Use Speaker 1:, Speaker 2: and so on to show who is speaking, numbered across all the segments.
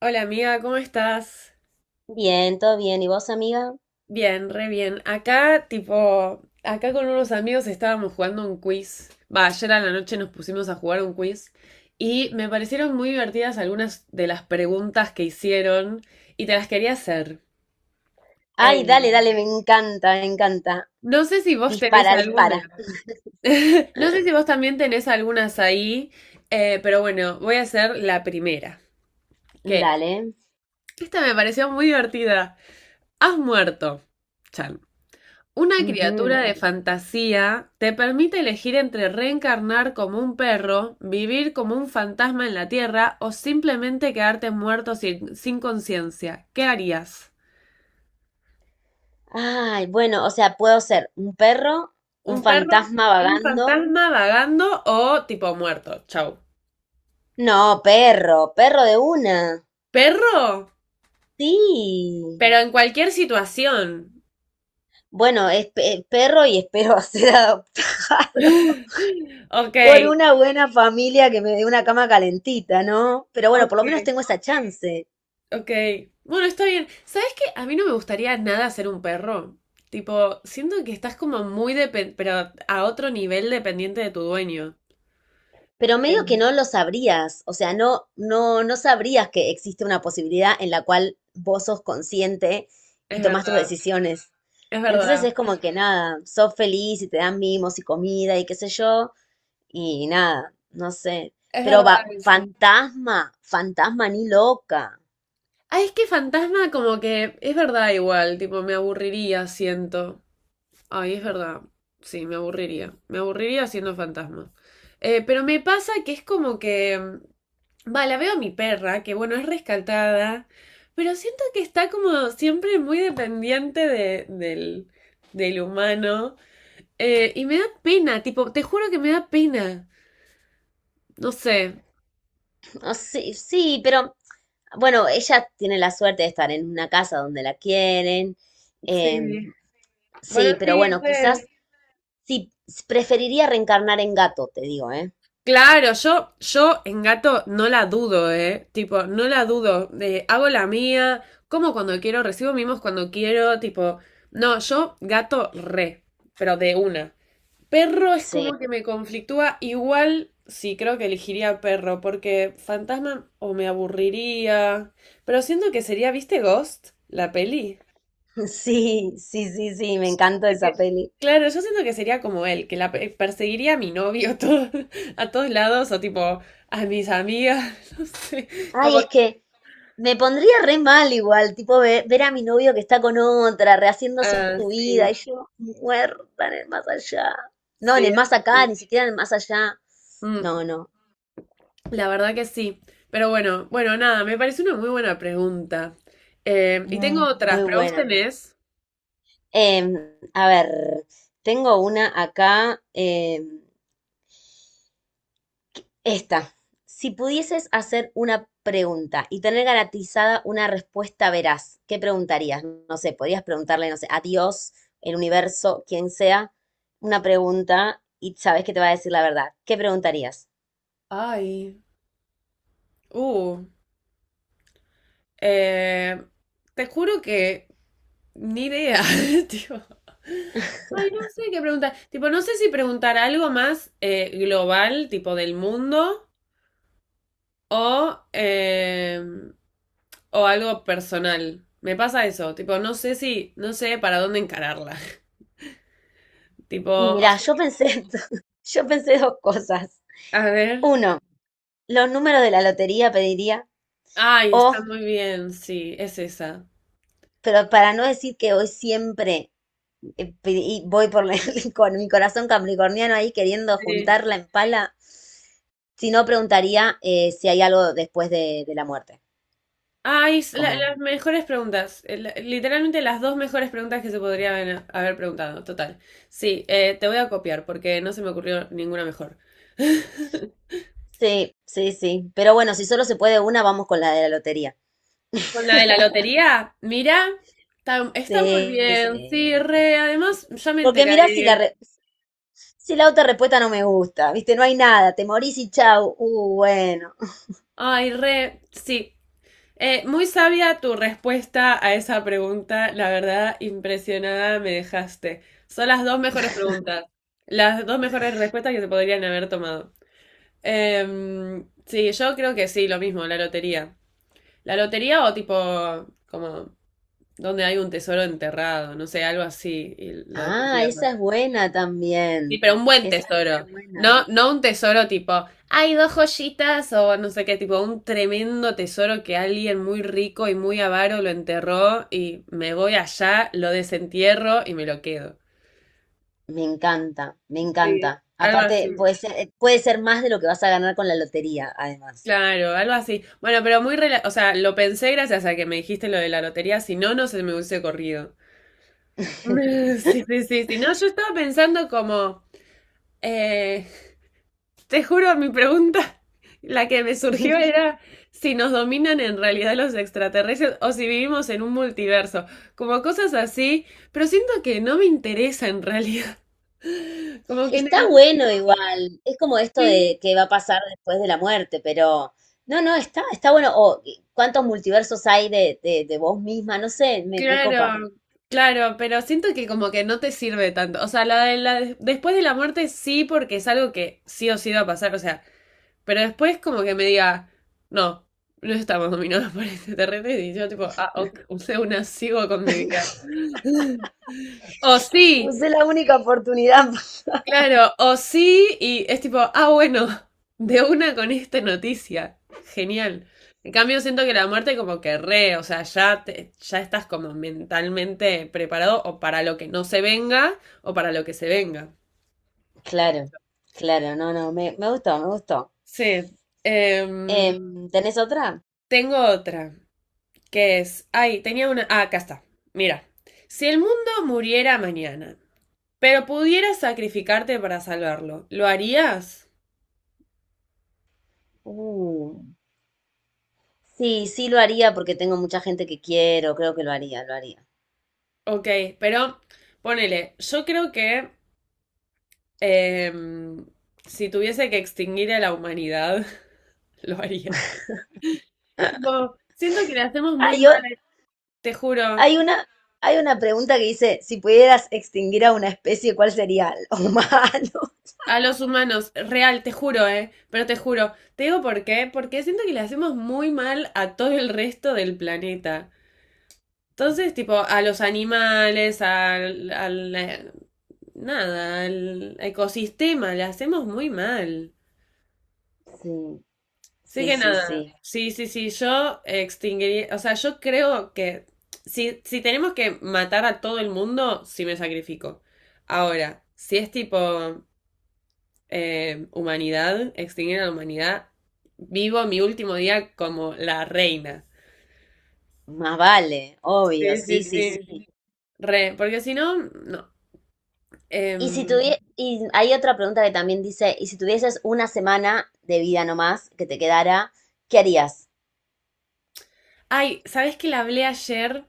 Speaker 1: Hola amiga, ¿cómo estás?
Speaker 2: Bien, todo bien. ¿Y vos, amiga?
Speaker 1: Bien, re bien. Acá, tipo, acá con unos amigos estábamos jugando un quiz. Va, ayer a la noche nos pusimos a jugar un quiz y me parecieron muy divertidas algunas de las preguntas que hicieron y te las quería hacer.
Speaker 2: Ay,
Speaker 1: Eh,
Speaker 2: dale, dale, me encanta, me encanta.
Speaker 1: no sé si vos tenés
Speaker 2: Dispara,
Speaker 1: alguna.
Speaker 2: dispara.
Speaker 1: No sé si vos también tenés algunas ahí, pero bueno, voy a hacer la primera, que es.
Speaker 2: Dale.
Speaker 1: Esta me pareció muy divertida. ¿Has muerto? Chan. Una
Speaker 2: Ujú.
Speaker 1: criatura de fantasía te permite elegir entre reencarnar como un perro, vivir como un fantasma en la tierra o simplemente quedarte muerto sin conciencia. ¿Qué harías?
Speaker 2: Ay, bueno, o sea, puedo ser un perro,
Speaker 1: ¿Un
Speaker 2: un
Speaker 1: perro?
Speaker 2: fantasma
Speaker 1: ¿Un
Speaker 2: vagando.
Speaker 1: fantasma vagando o tipo muerto? Chau.
Speaker 2: No, perro, perro de una.
Speaker 1: ¿Perro?
Speaker 2: Sí.
Speaker 1: Pero en cualquier situación.
Speaker 2: Bueno, es perro y espero ser adoptado
Speaker 1: Ok,
Speaker 2: por una buena familia que me dé una cama calentita, ¿no? Pero bueno, por lo menos
Speaker 1: ok.
Speaker 2: tengo esa chance.
Speaker 1: Ok. Bueno, está bien. ¿Sabes qué? A mí no me gustaría nada ser un perro. Tipo, siento que estás como muy dependiente, pero a otro nivel dependiente de tu dueño.
Speaker 2: Pero medio que
Speaker 1: Eh,
Speaker 2: no lo sabrías, o sea, no sabrías que existe una posibilidad en la cual vos sos consciente y
Speaker 1: Es
Speaker 2: tomás tus
Speaker 1: verdad,
Speaker 2: decisiones.
Speaker 1: es
Speaker 2: Entonces
Speaker 1: verdad,
Speaker 2: es como que nada, sos feliz y te dan mimos y comida y qué sé yo, y nada, no sé.
Speaker 1: es
Speaker 2: Pero
Speaker 1: verdad
Speaker 2: va,
Speaker 1: eso.
Speaker 2: fantasma, fantasma ni loca.
Speaker 1: Ay, es que fantasma como que es verdad igual, tipo, me aburriría, siento. Ay, es verdad. Sí, me aburriría. Me aburriría siendo fantasma. Pero me pasa que es como que, va, la veo a mi perra, que bueno, es rescatada. Pero siento que está como siempre muy dependiente de- del humano. Y me da pena, tipo, te juro que me da pena. No sé.
Speaker 2: No sé, sí, pero bueno, ella tiene la suerte de estar en una casa donde la quieren. em,
Speaker 1: Sí. Bueno,
Speaker 2: sí, pero
Speaker 1: sí,
Speaker 2: bueno, quizás
Speaker 1: re.
Speaker 2: sí, preferiría reencarnar en gato, te digo, ¿eh?
Speaker 1: Claro, yo en gato no la dudo, ¿eh? Tipo, no la dudo. Hago la mía, como cuando quiero, recibo mimos cuando quiero, tipo. No, yo gato re, pero de una. Perro es como
Speaker 2: Sí.
Speaker 1: que me conflictúa. Igual sí, creo que elegiría perro, porque fantasma o me aburriría. Pero siento que sería, ¿viste Ghost? La peli.
Speaker 2: Sí, sí, sí, sí, me encanta esa
Speaker 1: Que-
Speaker 2: peli.
Speaker 1: Claro, yo siento que sería como él, que la perseguiría a mi novio a todo- a todos lados o tipo a mis amigas, no sé,
Speaker 2: Ay,
Speaker 1: como...
Speaker 2: es que me pondría re mal igual, tipo ver a mi novio que está con otra, rehaciendo
Speaker 1: ah,
Speaker 2: su vida,
Speaker 1: sí,
Speaker 2: y yo muerta en el más allá. No, en
Speaker 1: sí.
Speaker 2: el más acá, ni siquiera en el más allá.
Speaker 1: Mm,
Speaker 2: No, no,
Speaker 1: la verdad que sí. Pero bueno, bueno, nada, me parece una muy buena pregunta. Y tengo
Speaker 2: mm,
Speaker 1: otras,
Speaker 2: muy
Speaker 1: pero vos
Speaker 2: buena.
Speaker 1: tenés...
Speaker 2: Em, a ver, tengo una acá. Esta, si pudieses hacer una pregunta y tener garantizada una respuesta veraz, ¿qué preguntarías? No sé, podrías preguntarle, no sé, a Dios, el universo, quien sea, una pregunta y sabes que te va a decir la verdad. ¿Qué preguntarías?
Speaker 1: Ay, uh, eh, te juro que ni idea, tío. Ay, no sé qué preguntar. Tipo, no sé si preguntar algo más global, tipo del mundo, O, eh, o algo personal. Me pasa eso, tipo, no sé si, no sé para dónde encararla. Tipo,
Speaker 2: Y
Speaker 1: o
Speaker 2: mirá,
Speaker 1: sea,
Speaker 2: yo pensé, yo pensé dos cosas.
Speaker 1: a ver.
Speaker 2: Uno, los números de la lotería pediría,
Speaker 1: Ay,
Speaker 2: o,
Speaker 1: está muy bien, sí, es esa.
Speaker 2: pero para no decir que hoy siempre voy por la- con mi corazón capricorniano ahí queriendo
Speaker 1: Sí.
Speaker 2: juntarla en pala. Si no, preguntaría si hay algo después de la muerte.
Speaker 1: Ay, es
Speaker 2: Como,
Speaker 1: las mejores preguntas. Literalmente las dos mejores preguntas que se podrían haber preguntado, total. Sí, te voy a copiar porque no se me ocurrió ninguna mejor.
Speaker 2: sí, sí, sí. Pero bueno, si solo se puede una, vamos con la de la lotería.
Speaker 1: Con la de la lotería, mira, está muy
Speaker 2: Sí,
Speaker 1: bien, sí,
Speaker 2: sí.
Speaker 1: re, además ya me
Speaker 2: Porque mirá si la,
Speaker 1: enteraré.
Speaker 2: si la otra respuesta no me gusta, ¿viste? No hay nada, te morís y chau. Bueno.
Speaker 1: Ay, re, sí. Muy sabia tu respuesta a esa pregunta. La verdad, impresionada me dejaste. Son las dos mejores preguntas. Las dos mejores respuestas que se podrían haber tomado. Sí, yo creo que sí, lo mismo, la lotería. La lotería o tipo, como, donde hay un tesoro enterrado, no sé, algo así, y lo de...
Speaker 2: Ah, esa es buena
Speaker 1: Sí,
Speaker 2: también.
Speaker 1: pero un buen
Speaker 2: Esa es
Speaker 1: tesoro.
Speaker 2: re buena.
Speaker 1: No, no un tesoro tipo, hay dos joyitas o no sé qué, tipo un tremendo tesoro que alguien muy rico y muy avaro lo enterró y me voy allá, lo desentierro y me lo quedo.
Speaker 2: Me encanta, me
Speaker 1: Sí,
Speaker 2: encanta.
Speaker 1: algo así.
Speaker 2: Aparte, puede ser más de lo que vas a ganar con la lotería, además.
Speaker 1: Claro, algo así. Bueno, pero muy, o sea, lo pensé gracias a que me dijiste lo de la lotería, si no, no se me hubiese corrido. Sí, sí, sí, sí. No, yo estaba pensando como, eh, te juro, mi pregunta, la que me surgió era si nos dominan en realidad los extraterrestres o si vivimos en un multiverso, como cosas así, pero siento que no me interesa en realidad, como que en
Speaker 2: Está
Speaker 1: el...
Speaker 2: bueno igual, es como esto
Speaker 1: sí,
Speaker 2: de que va a pasar después de la muerte, pero no, no, está, está bueno. O cuántos multiversos hay de vos misma, no sé, me copa.
Speaker 1: claro, claro, pero siento que como que no te sirve tanto, o sea, la de después de la muerte sí porque es algo que sí o sí va a pasar, o sea, pero después como que me diga, no, no estamos dominados por extraterrestres y yo tipo, ah, ok, o sea, una sigo con mi vida. O sí,
Speaker 2: Usé la única oportunidad.
Speaker 1: claro, o sí, y es tipo, ah, bueno, de una con esta noticia. Genial. En cambio, siento que la muerte como que re, o sea, ya, ya estás como mentalmente preparado o para lo que no se venga o para lo que se venga.
Speaker 2: Claro, claro, no, no, me gustó, me gustó.
Speaker 1: Sí. Em,
Speaker 2: Em, ¿tenés otra?
Speaker 1: tengo otra, que es, ay, tenía una, ah, acá está. Mira, si el mundo muriera mañana, pero pudieras sacrificarte para salvarlo, ¿lo harías?
Speaker 2: Uh, sí, sí lo haría porque tengo mucha gente que quiero, creo que lo haría, lo haría.
Speaker 1: Ok, pero ponele, yo creo que em, si tuviese que extinguir a la humanidad, lo haría. Tipo, siento que le hacemos
Speaker 2: Ah,
Speaker 1: muy
Speaker 2: yo,
Speaker 1: mal, te juro,
Speaker 2: hay una, hay una pregunta que dice, si pudieras extinguir a una especie, ¿cuál sería? ¿El humano?
Speaker 1: a los humanos, real, te juro, pero te juro, te digo por qué, porque siento que le hacemos muy mal a todo el resto del planeta. Entonces, tipo, a los animales, nada, al ecosistema, le hacemos muy mal.
Speaker 2: Sí.
Speaker 1: Sí
Speaker 2: Sí,
Speaker 1: que
Speaker 2: sí,
Speaker 1: nada.
Speaker 2: sí.
Speaker 1: Sí, sí, sí. Yo extinguiría. O sea, yo creo que si tenemos que matar a todo el mundo, sí me sacrifico. Ahora, si es tipo humanidad, extinguir a la humanidad, vivo mi último día como la reina.
Speaker 2: Más vale, obvio,
Speaker 1: Sí,
Speaker 2: sí,
Speaker 1: sí,
Speaker 2: sí, sí.
Speaker 1: sí. Re, porque si no, no.
Speaker 2: Y si
Speaker 1: Em,
Speaker 2: tuvie- y hay otra pregunta que también dice, y si tuvieses una semana de vida nomás que te quedara, ¿qué harías?
Speaker 1: ay, ¿sabes que la hablé ayer?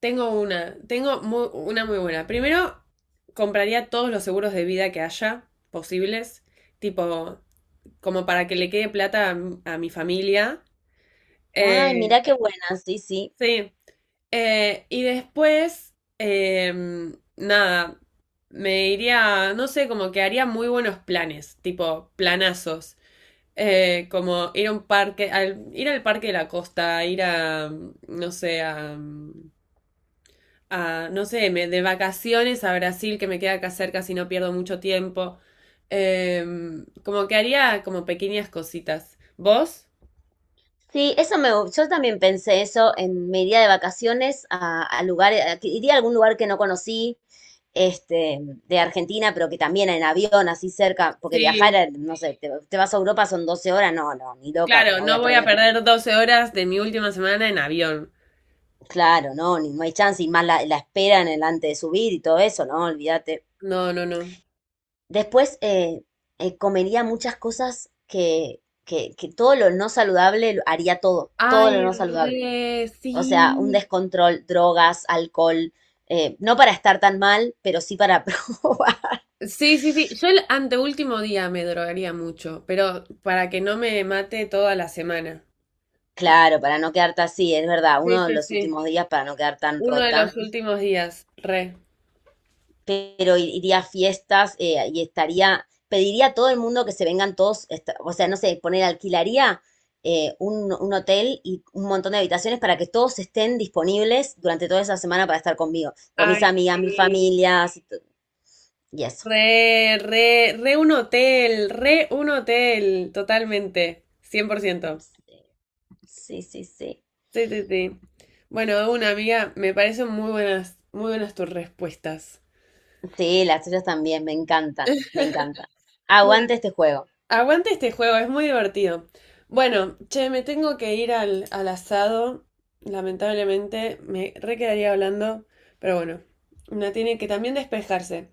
Speaker 1: Tengo una, una muy buena. Primero, compraría todos los seguros de vida que haya posibles, tipo, como para que le quede plata a mi familia.
Speaker 2: Ay,
Speaker 1: Eh,
Speaker 2: mira qué buena, sí, sí.
Speaker 1: sí. Y después, nada, me iría, no sé, como que haría muy buenos planes, tipo planazos. Como ir a un parque, ir al parque de la costa, ir no sé, a... a, no sé, me, de vacaciones a Brasil, que me queda acá cerca si no pierdo mucho tiempo. Como que haría como pequeñas cositas. ¿Vos?
Speaker 2: Sí, eso me, yo también pensé eso en mi día de vacaciones a lugares, que iría a algún lugar que no conocí, este, de Argentina, pero que también en avión, así cerca, porque viajar,
Speaker 1: Sí,
Speaker 2: no sé, te vas a Europa son 12 horas, no, no, ni loca,
Speaker 1: claro,
Speaker 2: no voy
Speaker 1: no
Speaker 2: a
Speaker 1: voy a
Speaker 2: perder.
Speaker 1: perder 12 horas de mi última semana en avión.
Speaker 2: Claro, no, ni, no hay chance, y más la, la espera en el antes de subir y todo eso, no, olvídate.
Speaker 1: No, no, no.
Speaker 2: Después comería muchas cosas que todo lo no saludable haría todo, todo lo
Speaker 1: Ay,
Speaker 2: no saludable.
Speaker 1: re,
Speaker 2: O sea, un
Speaker 1: sí.
Speaker 2: descontrol, drogas, alcohol, no para estar tan mal, pero sí para probar.
Speaker 1: Sí, sí, sí. Yo el anteúltimo día me drogaría mucho, pero para que no me mate toda la semana.
Speaker 2: Claro, para no quedarte así, es verdad,
Speaker 1: Sí,
Speaker 2: uno de
Speaker 1: sí,
Speaker 2: los
Speaker 1: sí.
Speaker 2: últimos días para no quedar tan
Speaker 1: Uno de
Speaker 2: rota.
Speaker 1: los últimos días, re.
Speaker 2: Pero iría a fiestas y estaría, pediría a todo el mundo que se vengan todos, o sea, no sé, poner, alquilaría un hotel y un montón de habitaciones para que todos estén disponibles durante toda esa semana para estar conmigo, con mis
Speaker 1: Ay,
Speaker 2: amigas, mis
Speaker 1: sí.
Speaker 2: familias y eso.
Speaker 1: Re, re, re un hotel, totalmente, 100%.
Speaker 2: Sí, sí, sí.
Speaker 1: Sí, sí, sí. Bueno, de una amiga, me parecen muy buenas tus respuestas.
Speaker 2: Sí, las tuyas también, me encantan, me encantan.
Speaker 1: Bueno.
Speaker 2: Aguante este juego.
Speaker 1: Aguante este juego, es muy divertido. Bueno, che, me tengo que ir al asado, lamentablemente, me re quedaría hablando, pero bueno, una tiene que también despejarse.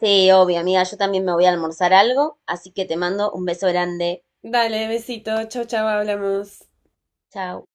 Speaker 2: Sí, obvio, amiga, yo también me voy a almorzar algo, así que te mando un beso grande.
Speaker 1: Dale, besito, chau, chau, hablamos.
Speaker 2: Chao.